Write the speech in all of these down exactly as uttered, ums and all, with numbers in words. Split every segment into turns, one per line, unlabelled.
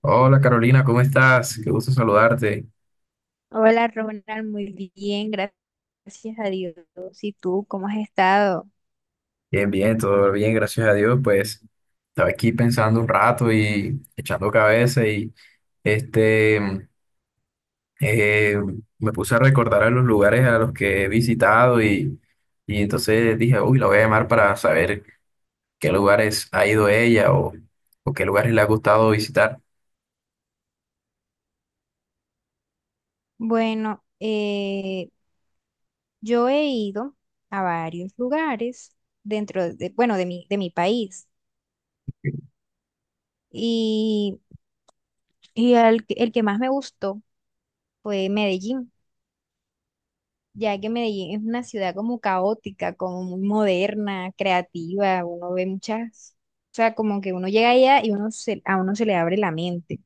Hola Carolina, ¿cómo estás? Qué gusto saludarte.
Hola Ronald, muy bien, gracias a Dios. ¿Y tú cómo has estado?
Bien, bien, todo bien, gracias a Dios. Pues estaba aquí pensando un rato y echando cabeza y este eh, me puse a recordar a los lugares a los que he visitado y, y, entonces dije, uy, la voy a llamar para saber qué lugares ha ido ella o, o qué lugares le ha gustado visitar.
Bueno, eh, yo he ido a varios lugares dentro de, bueno, de mi, de mi país y, y el, que el que más me gustó fue Medellín. Ya que Medellín es una ciudad como caótica, como muy moderna, creativa, uno ve muchas, o sea, como que uno llega allá y uno se, a uno se le abre la mente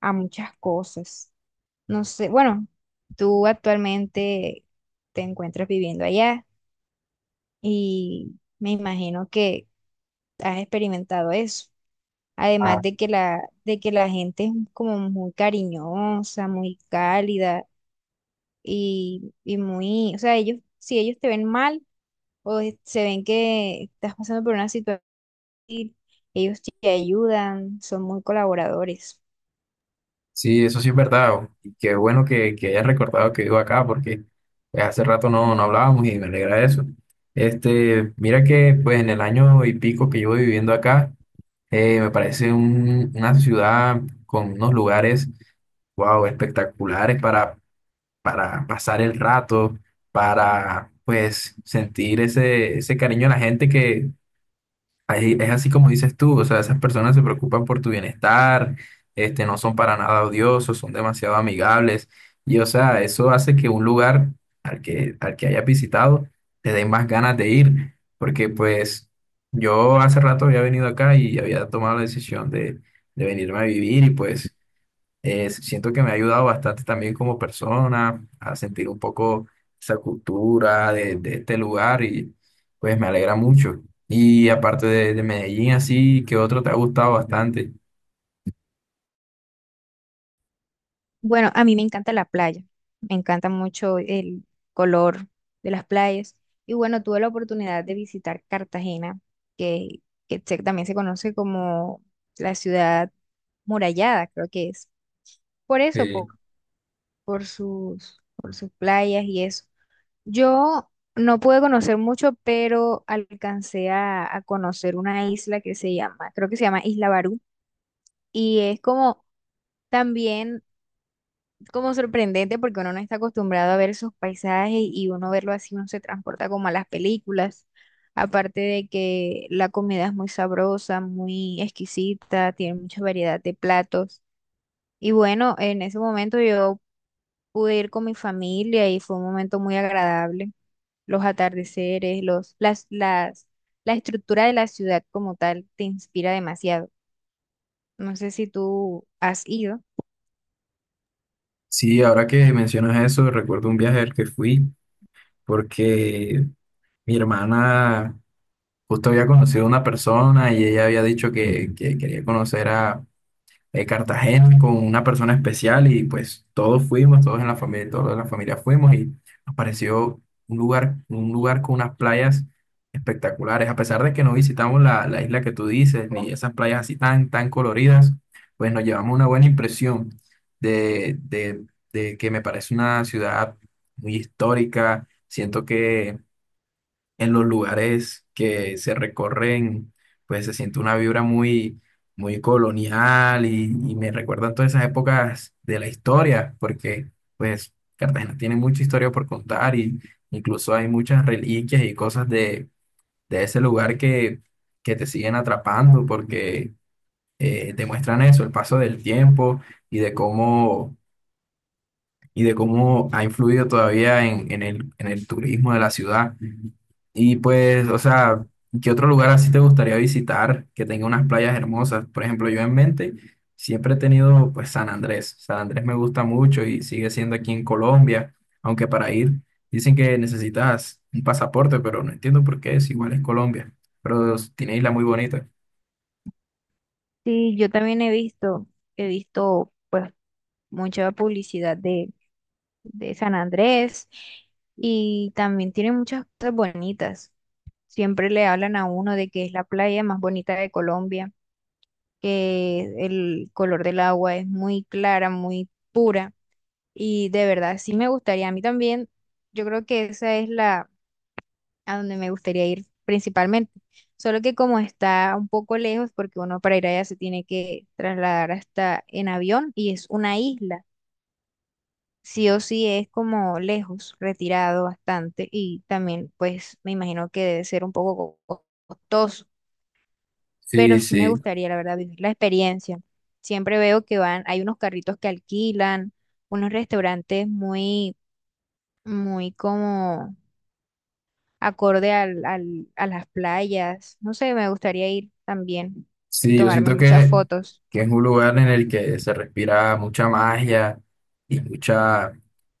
a muchas cosas. No sé, bueno, tú actualmente te encuentras viviendo allá y me imagino que has experimentado eso. Además de que la, de que la gente es como muy cariñosa, muy cálida y, y muy, o sea, ellos, si ellos te ven mal o es- se ven que estás pasando por una situación difícil, ellos te ayudan, son muy colaboradores.
Sí, eso sí es verdad. o- Y qué bueno que, que hayas recordado que vivo acá, porque pues, hace rato no, no hablábamos y me alegra eso. Este, mira que pues en el año y pico que llevo viviendo acá, eh, me parece un- una ciudad con unos lugares, wow, espectaculares para, para, pasar el rato, para pues sentir ese, ese cariño a la gente. Ahí es así como dices tú, o sea, esas personas se preocupan por tu bienestar, este, no son para nada odiosos, son demasiado amigables y, o sea, eso hace que un lugar al que, al que, hayas visitado te den más ganas de ir, porque pues yo hace rato había venido acá y había tomado la decisión de, de venirme a vivir y pues eh, siento que me ha ayudado bastante también como persona a sentir un poco esa cultura de, de este lugar y pues me alegra mucho. Y aparte de, de Medellín, así, ¿qué otro te ha gustado bastante?
Bueno, a mí me encanta la playa, me encanta mucho el color de las playas. Y bueno, tuve la oportunidad de visitar Cartagena, que, que se- también se conoce como la ciudad murallada, creo que es. Por eso,
Eh,
por, por sus, por sus playas y eso. Yo no pude conocer mucho, pero alcancé a, a conocer una isla que se llama, creo que se llama Isla Barú, y es como también como sorprendente porque uno no está acostumbrado a ver esos paisajes y uno verlo así, uno se transporta como a las películas. Aparte de que la comida es muy sabrosa, muy exquisita, tiene mucha variedad de platos. Y bueno, en ese momento yo pude ir con mi familia y fue un momento muy agradable. Los atardeceres, los, las, las, la estructura de la ciudad como tal te inspira demasiado. No sé si tú has ido.
sí, ahora que mencionas eso, recuerdo un viaje al que fui porque mi hermana justo había conocido a una persona y ella había dicho que, que, quería conocer a eh, Cartagena con una persona especial y pues todos fuimos, todos en la familia, todos de la familia fuimos y nos pareció un lugar, un lugar, con unas playas espectaculares, a pesar de que no visitamos la, la isla que tú dices, ni esas playas así tan, tan coloridas, pues nos llevamos una buena impresión de, de, de que me parece una ciudad muy histórica, siento que en los lugares que se recorren, pues se siente una vibra muy, muy colonial y, y, me recuerdan todas esas épocas de la historia, porque pues Cartagena tiene mucha historia por contar y incluso hay muchas reliquias y cosas de, de, ese lugar que, que te siguen atrapando porque eh, demuestran eso, el paso del tiempo y de cómo y de cómo ha influido todavía en, en el, en el turismo de la ciudad. Y pues, o sea, ¿qué otro lugar así te gustaría visitar que tenga unas playas hermosas? Por ejemplo, yo en mente siempre he tenido pues San Andrés. San Andrés me gusta mucho y sigue siendo aquí en Colombia, aunque para ir dicen que necesitas un pasaporte, pero no entiendo por qué es, igual es Colombia, pero tiene isla muy bonita.
Sí, yo también he visto, he visto pues mucha publicidad de, de San Andrés y también tiene muchas cosas bonitas. Siempre le hablan a uno de que es la playa más bonita de Colombia, que el color del agua es muy clara, muy pura y de verdad sí me gustaría. A mí también, yo creo que esa es la a donde me gustaría ir principalmente. Solo que como está un poco lejos, porque uno para ir allá se tiene que trasladar hasta en avión y es una isla. Sí o sí es como lejos, retirado bastante y también pues me imagino que debe ser un poco co- costoso, pero
Sí,
sí me
sí.
gustaría la verdad vivir la experiencia. Siempre veo que van, hay unos carritos que alquilan, unos restaurantes muy, muy como acorde al, al- a las playas. No sé, me gustaría ir también y
Sí, yo
tomarme
siento
muchas
que,
fotos.
que es un lugar en el que se respira mucha magia y mucha,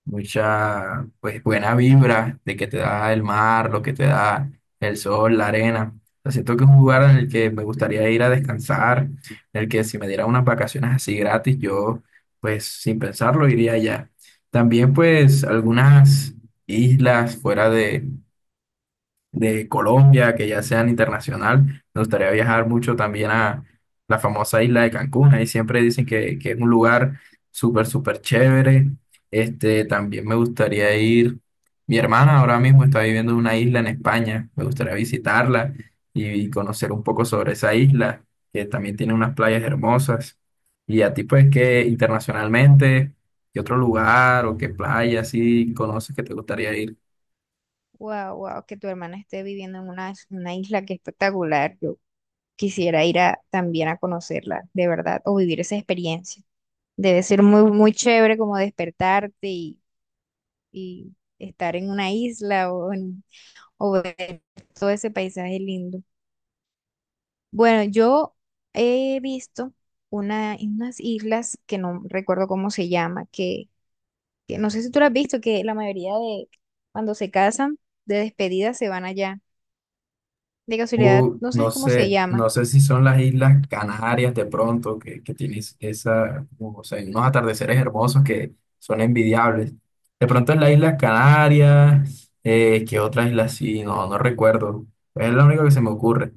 mucha, pues, buena vibra de que te da el mar, lo que te da el sol, la arena. O sea, siento que es un lugar en el que me gustaría ir a descansar, en el que si me diera unas vacaciones así gratis, yo, pues, sin pensarlo, iría allá. También, pues, algunas islas fuera de Colombia, que ya sean internacional. Me gustaría viajar mucho también a la famosa isla de Cancún. Ahí siempre dicen que, que, es un lugar súper, súper chévere. Este, también me gustaría ir. Mi hermana ahora mismo está viviendo en una isla en España. Me gustaría visitarla y conocer un poco sobre esa isla, que también tiene unas playas hermosas. Y a ti, pues, que internacionalmente, ¿qué otro lugar o qué playa así conoces que te gustaría ir?
Wow, wow, que tu hermana esté viviendo en una, una isla que espectacular. Yo quisiera ir a, también a conocerla, de verdad, o vivir esa experiencia. Debe ser muy, muy chévere como despertarte y, y estar en una isla o, en- o ver todo ese paisaje lindo. Bueno, yo he visto una, unas islas que no recuerdo cómo se llama, que que no sé si tú lo has visto, que la mayoría de cuando se casan, de despedida se van allá. De casualidad,
Uh,
no
no
sabes cómo se
sé,
llama.
no sé si son las Islas Canarias de pronto, que, que tienes esa, o sea, unos atardeceres hermosos que son envidiables. De pronto en las Islas Canarias, eh, ¿qué otra isla sí? No, no recuerdo. Es lo único que se me ocurre.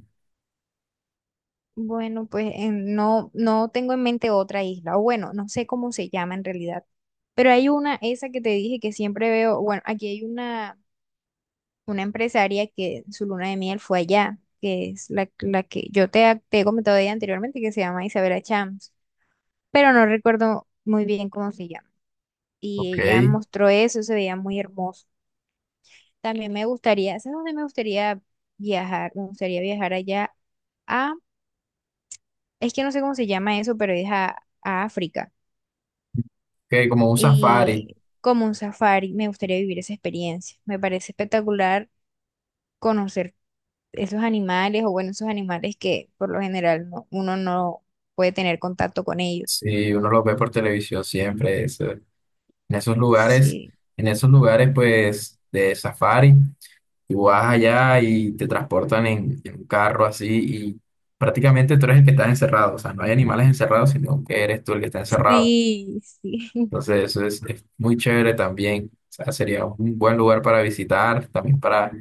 Bueno, pues en- no, no tengo en mente otra isla, o bueno, no sé cómo se llama en realidad. Pero hay una, esa que te dije que siempre veo, bueno, aquí hay una, una empresaria que su luna de miel fue allá, que es la, la que yo te, te he comentado de ella anteriormente, que se llama Isabela Chams, pero no recuerdo muy bien cómo se llama.
Ok,
Y ella mostró eso, se veía muy hermoso. También me gustaría, ¿sabes dónde me gustaría viajar? Me gustaría viajar allá a, es que no sé cómo se llama eso, pero es a, a África.
que como un safari,
Y como un safari, me gustaría vivir esa experiencia. Me parece espectacular conocer esos animales, o bueno, esos animales que por lo general no- uno no puede tener contacto con ellos.
si uno lo ve por televisión siempre, eso- en esos lugares,
Sí,
en esos lugares pues de safari. Y vas allá y te transportan en, en un carro así y prácticamente tú eres el que está encerrado. O sea, no hay animales encerrados, sino que eres tú el que está encerrado.
sí, sí.
Entonces, eso es, es muy chévere también. O sea, sería un buen lugar para visitar, también para,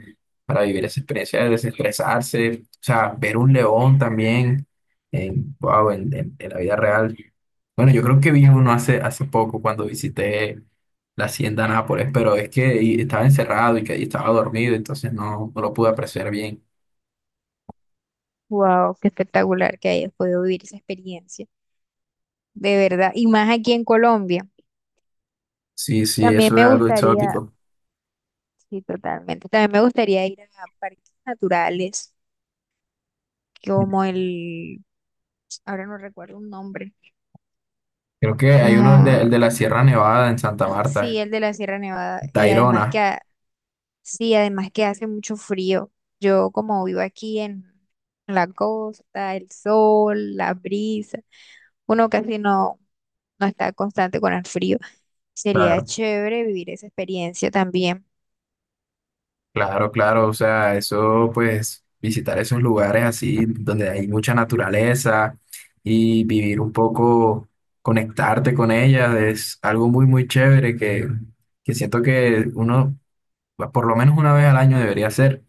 para vivir esa experiencia de desestresarse. O sea, ver un león también en, wow, en, en- en la vida real. Bueno, yo creo que vi uno hace, hace poco cuando visité la hacienda Nápoles, pero es que y- estaba encerrado y que ahí estaba dormido, entonces no, no lo pude apreciar bien.
Wow, qué espectacular que hayas podido vivir esa experiencia. De verdad, y más aquí en Colombia.
Sí, sí,
También
eso es
me
algo
gustaría
exótico.
sí, totalmente. También me gustaría ir a parques naturales, como el, ahora no recuerdo un nombre,
Creo que hay uno, el de,
como,
el de la Sierra Nevada en Santa Marta,
sí, el de la Sierra Nevada. Y además que,
Tayrona.
ha- sí, además que hace mucho frío. Yo como vivo aquí en la costa, el sol, la brisa, uno casi no, no está constante con el frío. Sería chévere vivir esa experiencia también.
Claro, claro, o sea, eso pues visitar esos lugares así donde hay mucha naturaleza y vivir un poco, conectarte con ella es algo muy, muy chévere que, que, siento que uno por lo menos una vez al año debería hacer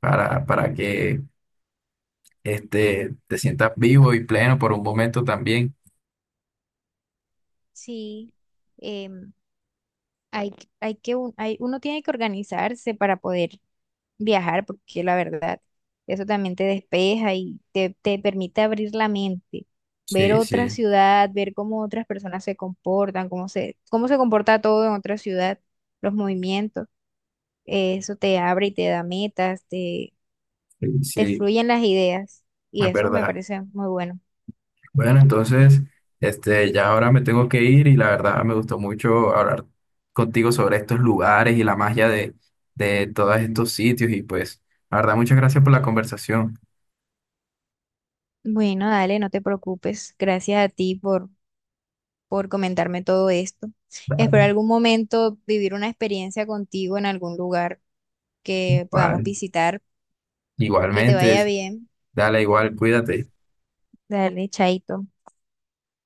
para, para que este, te sientas vivo y pleno por un momento también.
Sí, em, hay, hay que, un- hay, uno tiene que organizarse para poder viajar, porque la verdad, eso también te despeja y te, te permite abrir la mente, ver
Sí,
otra
sí,
ciudad, ver cómo otras personas se comportan, cómo se, cómo se comporta todo en otra ciudad, los movimientos, eh, eso te abre y te da metas, te,
sí,
te
sí,
fluyen las ideas y
es
eso me
verdad.
parece muy bueno.
Bueno, entonces, este, ya ahora me tengo que ir y la verdad me gustó mucho hablar contigo sobre estos lugares y la magia de, de, todos estos sitios y pues, la verdad, muchas gracias por la conversación.
Bueno, dale, no te preocupes. Gracias a ti por, por comentarme todo esto. Espero
Dale,
algún momento vivir una experiencia contigo en algún lugar que podamos
igual.
visitar. Que te
Igualmente,
vaya bien.
dale igual, cuídate.
Dale, chaito.